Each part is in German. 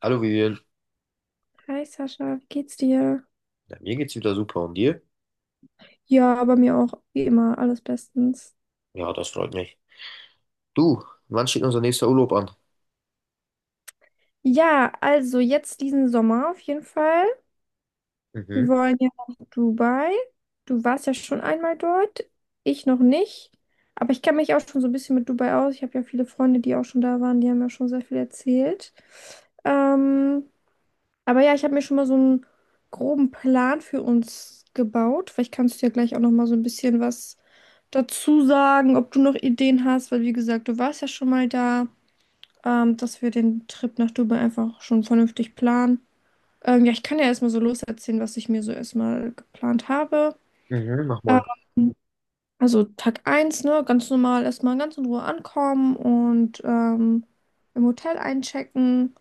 Hallo Vivian, Hi Sascha, wie geht's dir? ja, mir geht's wieder super und dir? Ja, bei mir auch, wie immer, alles bestens. Ja, das freut mich. Du, wann steht unser nächster Urlaub an? Ja, also jetzt diesen Sommer auf jeden Fall. Wir Mhm, wollen ja nach Dubai. Du warst ja schon einmal dort, ich noch nicht. Aber ich kenne mich auch schon so ein bisschen mit Dubai aus. Ich habe ja viele Freunde, die auch schon da waren, die haben ja schon sehr viel erzählt. Ähm, Aber ja, ich habe mir schon mal so einen groben Plan für uns gebaut. Vielleicht kannst du ja gleich auch noch mal so ein bisschen was dazu sagen, ob du noch Ideen hast, weil wie gesagt, du warst ja schon mal da, dass wir den Trip nach Dubai einfach schon vernünftig planen. Ja, ich kann ja erstmal so loserzählen, was ich mir so erstmal geplant habe. mhm, mach mal. Ähm, also Tag eins, ne, ganz normal erstmal ganz in Ruhe ankommen und im Hotel einchecken.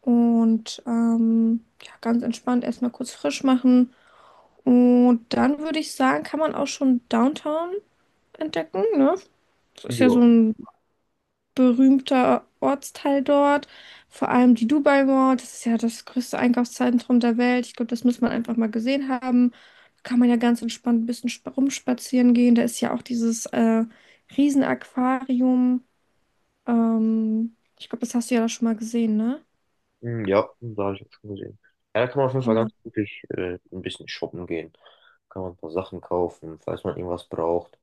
Und ja, ganz entspannt erstmal kurz frisch machen. Und dann würde ich sagen, kann man auch schon Downtown entdecken, ne? Das ist ja so Ja. ein berühmter Ortsteil dort. Vor allem die Dubai Mall, das ist ja das größte Einkaufszentrum der Welt. Ich glaube, das muss man einfach mal gesehen haben. Da kann man ja ganz entspannt ein bisschen rumspazieren gehen. Da ist ja auch dieses Riesenaquarium. Ich glaube, das hast du ja da schon mal gesehen, ne? Hm, ja, da habe ich auch schon gesehen. Ja, da kann man auf jeden Fall Genau. ganz wirklich ein bisschen shoppen gehen. Kann man ein paar Sachen kaufen, falls man irgendwas braucht.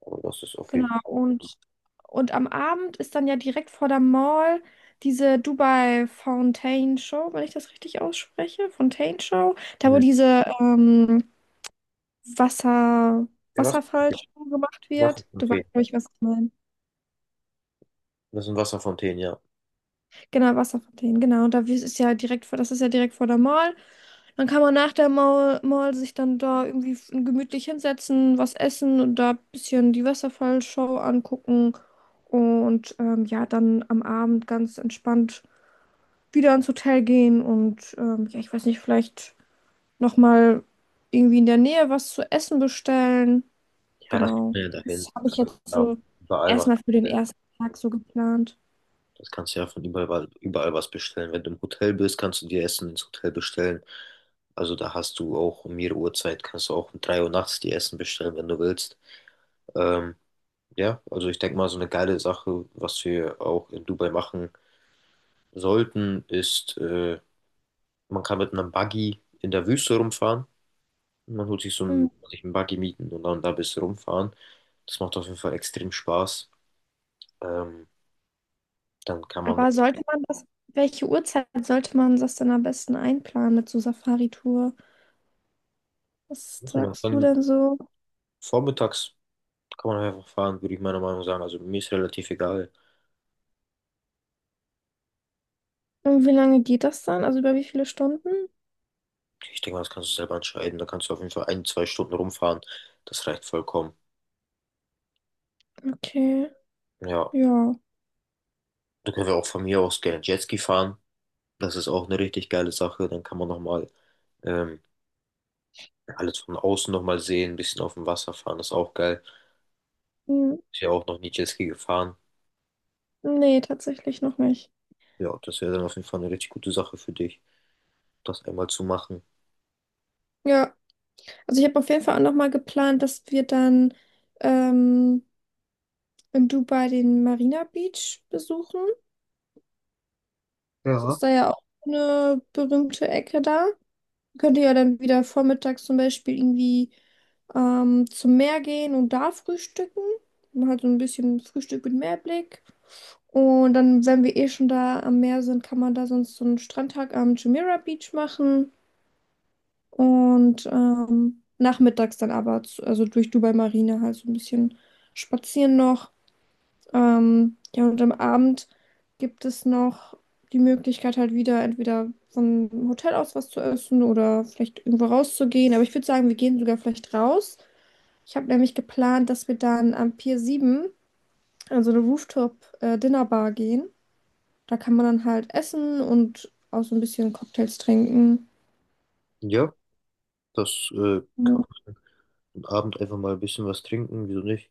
Aber das ist auf jeden Genau, Fall. Und am Abend ist dann ja direkt vor der Mall diese Dubai Fountain Show, wenn ich das richtig ausspreche, Fontaine Show, da wo Hm. diese Wasser, Ja, Wasserfallshow gemacht wird. Du weißt, Wasserfontänen. glaube ich, was ich meine. Das sind Wasserfontänen, ja. Genau, Wasserfontänen, genau. Und ist ja direkt vor, das ist ja direkt vor der Mall. Dann kann man nach der Mall sich dann da irgendwie gemütlich hinsetzen, was essen und da ein bisschen die Wasserfallshow angucken. Und ja, dann am Abend ganz entspannt wieder ins Hotel gehen und ja, ich weiß nicht, vielleicht nochmal irgendwie in der Nähe was zu essen bestellen. Ja, das kriegt Genau. man ja dahin. Das habe ich jetzt Ja, so überall was. erstmal für den ersten Tag so geplant. Das kannst du ja von überall, überall was bestellen. Wenn du im Hotel bist, kannst du dir Essen ins Hotel bestellen. Also da hast du auch um jede Uhrzeit, kannst du auch um 3 Uhr nachts dir Essen bestellen, wenn du willst. Ähm, ja, also ich denke mal, so eine geile Sache, was wir auch in Dubai machen sollten, ist, man kann mit einem Buggy in der Wüste rumfahren. Man holt sich sich einen Buggy mieten und dann da ein bisschen rumfahren. Das macht auf jeden Fall extrem Spaß. Ähm, dann kann man, Aber sollte man das, welche Uhrzeit sollte man das denn am besten einplanen mit so Safari-Tour? Was sagst du dann denn so? vormittags. Kann man einfach fahren, würde ich meiner Meinung sagen. Also mir ist relativ egal. Und wie lange geht das dann? Also über wie viele Stunden? Ich denke mal, das kannst du selber entscheiden. Da kannst du auf jeden Fall ein, zwei Stunden rumfahren. Das reicht vollkommen. Okay, Ja, ja. da können wir auch von mir aus gerne Jetski fahren. Das ist auch eine richtig geile Sache. Dann kann man nochmal ähm, alles von außen nochmal sehen, ein bisschen auf dem Wasser fahren. Das ist auch geil. Hm. Ist ja auch noch nie Jetski gefahren. Nee, tatsächlich noch nicht. Ja, das wäre dann auf jeden Fall eine richtig gute Sache für dich, das einmal zu machen. Ja, also ich habe auf jeden Fall auch nochmal geplant, dass wir dann ähm, in Dubai den Marina Beach besuchen. Das ist da ja auch eine berühmte Ecke da. Könnt ihr ja dann wieder vormittags zum Beispiel irgendwie zum Meer gehen und da frühstücken. Man hat so ein bisschen Frühstück mit Meerblick. Und dann, wenn wir eh schon da am Meer sind, kann man da sonst so einen Strandtag am Jumeirah Beach machen. Und nachmittags dann aber, zu, also durch Dubai Marina halt so ein bisschen spazieren noch. Ja, und am Abend gibt es noch die Möglichkeit, halt wieder entweder vom Hotel aus was zu essen oder vielleicht irgendwo rauszugehen. Aber ich würde sagen, wir gehen sogar vielleicht raus. Ich habe nämlich geplant, dass wir dann am Pier 7 an so eine Rooftop-Dinnerbar gehen. Da kann man dann halt essen und auch so ein bisschen Cocktails trinken. Ja, das kann man am Abend einfach mal ein bisschen was trinken, wieso nicht?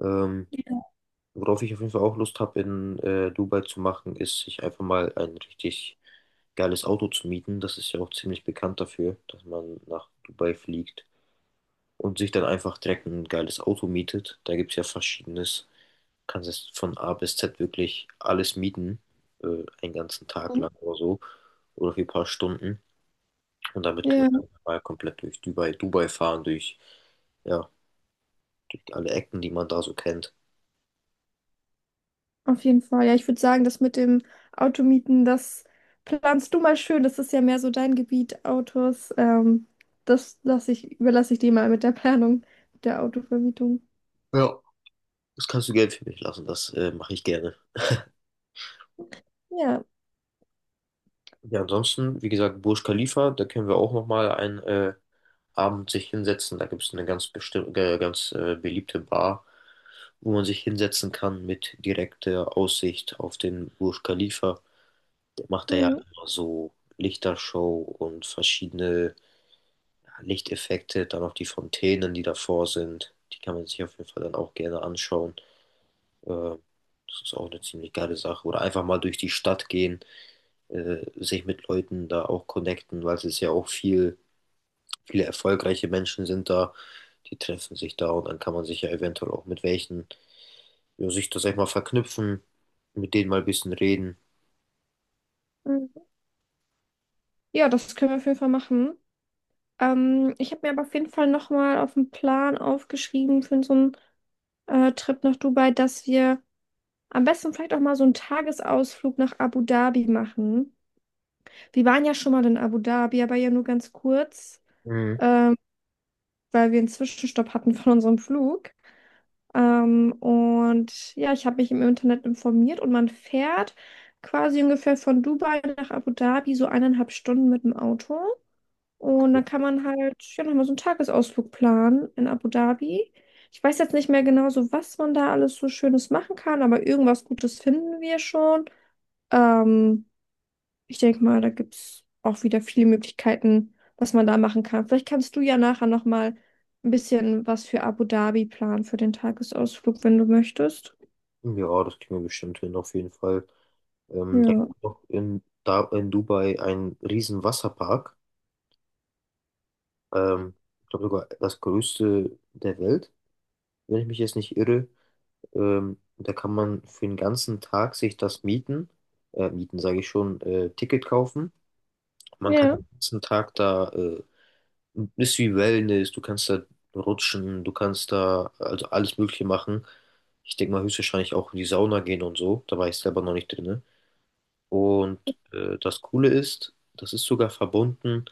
Ähm, Worauf ich auf jeden Fall auch Lust habe, in Dubai zu machen, ist, sich einfach mal ein richtig geiles Auto zu mieten. Das ist ja auch ziemlich bekannt dafür, dass man nach Dubai fliegt und sich dann einfach direkt ein geiles Auto mietet. Da gibt es ja verschiedenes. Kannst es von A bis Z wirklich alles mieten, einen ganzen Tag lang oder so, oder für ein paar Stunden. Und damit können Ja. wir einfach mal komplett durch Dubai fahren, durch, ja, durch alle Ecken, die man da so kennt. Auf jeden Fall. Ja, ich würde sagen, das mit dem Automieten, das planst du mal schön. Das ist ja mehr so dein Gebiet, Autos. Das lasse ich, überlasse ich dir mal mit der Planung der Autovermietung. Ja. Das kannst du Geld für mich lassen, das mache ich gerne. Ja. Ja, ansonsten, wie gesagt, Burj Khalifa, da können wir auch nochmal einen Abend sich hinsetzen. Da gibt es eine ganz bestimmte, ganz beliebte Bar, wo man sich hinsetzen kann mit direkter Aussicht auf den Burj Khalifa. Der macht da ja Mhm. immer so Lichtershow und verschiedene, ja, Lichteffekte, dann auch die Fontänen, die davor sind. Die kann man sich auf jeden Fall dann auch gerne anschauen. Äh, das ist auch eine ziemlich geile Sache. Oder einfach mal durch die Stadt gehen, sich mit Leuten da auch connecten, weil es ist ja auch viel, viele erfolgreiche Menschen sind da, die treffen sich da und dann kann man sich ja eventuell auch mit welchen, ja, sich das sag ich mal, verknüpfen, mit denen mal ein bisschen reden. Mhm. Ja, das können wir auf jeden Fall machen. Ich habe mir aber auf jeden Fall nochmal auf den Plan aufgeschrieben für so einen Trip nach Dubai, dass wir am besten vielleicht auch mal so einen Tagesausflug nach Abu Dhabi machen. Wir waren ja schon mal in Abu Dhabi, aber ja nur ganz kurz. Mhm. Ähm, weil wir einen Zwischenstopp hatten von unserem Flug. Und ja, ich habe mich im Internet informiert und man fährt quasi ungefähr von Dubai nach Abu Dhabi so eineinhalb Stunden mit dem Auto. Und dann kann man halt ja nochmal so einen Tagesausflug planen in Abu Dhabi. Ich weiß jetzt nicht mehr genau so, was man da alles so Schönes machen kann, aber irgendwas Gutes finden wir schon. Ähm, ich denke mal, da gibt es auch wieder viele Möglichkeiten, was man da machen kann. Vielleicht kannst du ja nachher nochmal ein bisschen was für Abu Dhabi planen für den Tagesausflug, wenn du möchtest. Ja, das kriegen wir bestimmt hin, auf jeden Fall. Da gibt Ja. es noch in, da in Dubai einen riesen Wasserpark. Ähm, ich glaube sogar das größte der Welt, wenn ich mich jetzt nicht irre. Da kann man für den ganzen Tag sich das mieten, Ticket kaufen. Man kann Ja. den ganzen Tag da, ist wie Wellness, du kannst da rutschen, du kannst da also alles Mögliche machen. Ich denke mal höchstwahrscheinlich auch in die Sauna gehen und so, da war ich selber noch nicht drin. Und das Coole ist, das ist sogar verbunden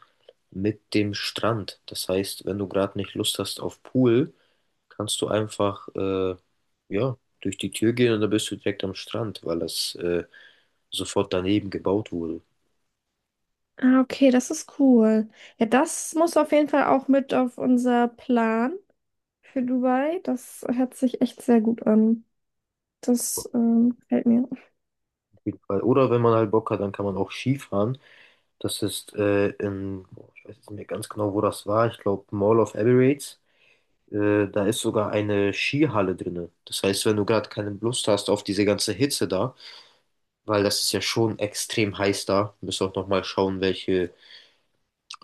mit dem Strand. Das heißt, wenn du gerade nicht Lust hast auf Pool, kannst du einfach ja, durch die Tür gehen und dann bist du direkt am Strand, weil das sofort daneben gebaut wurde. Ah, okay, das ist cool. Ja, das muss auf jeden Fall auch mit auf unser Plan für Dubai. Das hört sich echt sehr gut an. Das gefällt mir. Auf jeden Fall. Oder wenn man halt Bock hat, dann kann man auch Skifahren. Das ist boah, ich weiß jetzt nicht mehr ganz genau, wo das war. Ich glaube, Mall of Emirates. Da ist sogar eine Skihalle drin. Das heißt, wenn du gerade keine Lust hast auf diese ganze Hitze da, weil das ist ja schon extrem heiß da. Wir müssen auch nochmal schauen, welche,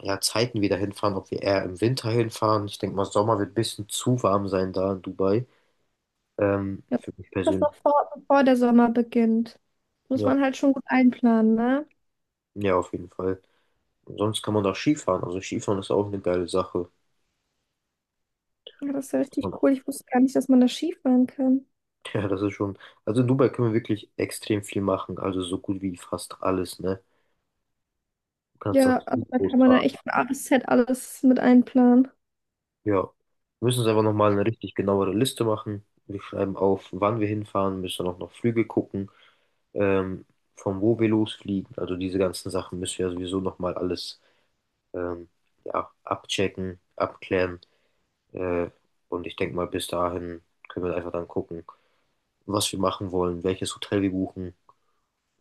ja, Zeiten wir da hinfahren, ob wir eher im Winter hinfahren. Ich denke mal, Sommer wird ein bisschen zu warm sein da in Dubai. Ja. Für mich Das persönlich. noch vor, bevor der Sommer beginnt. Muss Ja, man halt schon gut einplanen, ne? ja, auf jeden Fall. Und sonst kann man auch Skifahren. Also Skifahren ist auch eine geile Sache. Ja, das ist ja richtig Und, cool. Ich wusste gar nicht, dass man da Skifahren kann. ja, das ist schon. Also in Dubai können wir wirklich extrem viel machen. Also so gut wie fast alles, ne? Du kannst das Ja, also gut da groß. kann man ja echt von A bis Z alles mit einplanen. Ja. Wir müssen uns einfach nochmal eine richtig genauere Liste machen. Wir schreiben auf, wann wir hinfahren, müssen auch noch Flüge gucken, ähm, von wo wir losfliegen. Also diese ganzen Sachen müssen wir sowieso nochmal alles, ähm, ja, abchecken, abklären. Äh, und ich denke mal, bis dahin können wir einfach dann gucken, was wir machen wollen, welches Hotel wir buchen.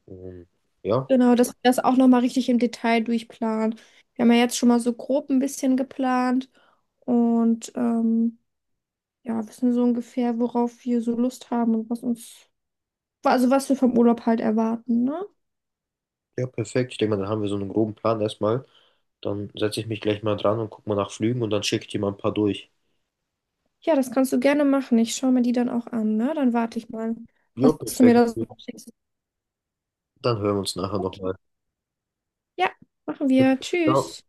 Ähm, ja, Genau, dass wir das auch nochmal richtig im Detail durchplanen. Wir haben ja jetzt schon mal so grob ein bisschen geplant und ja, wissen so ungefähr, worauf wir so Lust haben und was uns, also was wir vom Urlaub halt erwarten, ne? ja, perfekt. Ich denke mal, dann haben wir so einen groben Plan erstmal. Dann setze ich mich gleich mal dran und gucke mal nach Flügen und dann schicke ich dir mal ein paar durch. Ja, das kannst du gerne machen. Ich schaue mir die dann auch an, ne? Dann warte ich mal, Ja, was du mir perfekt. da so schickst. Dann hören wir uns nachher Okay. nochmal. Ja, machen wir. Ciao. Tschüss.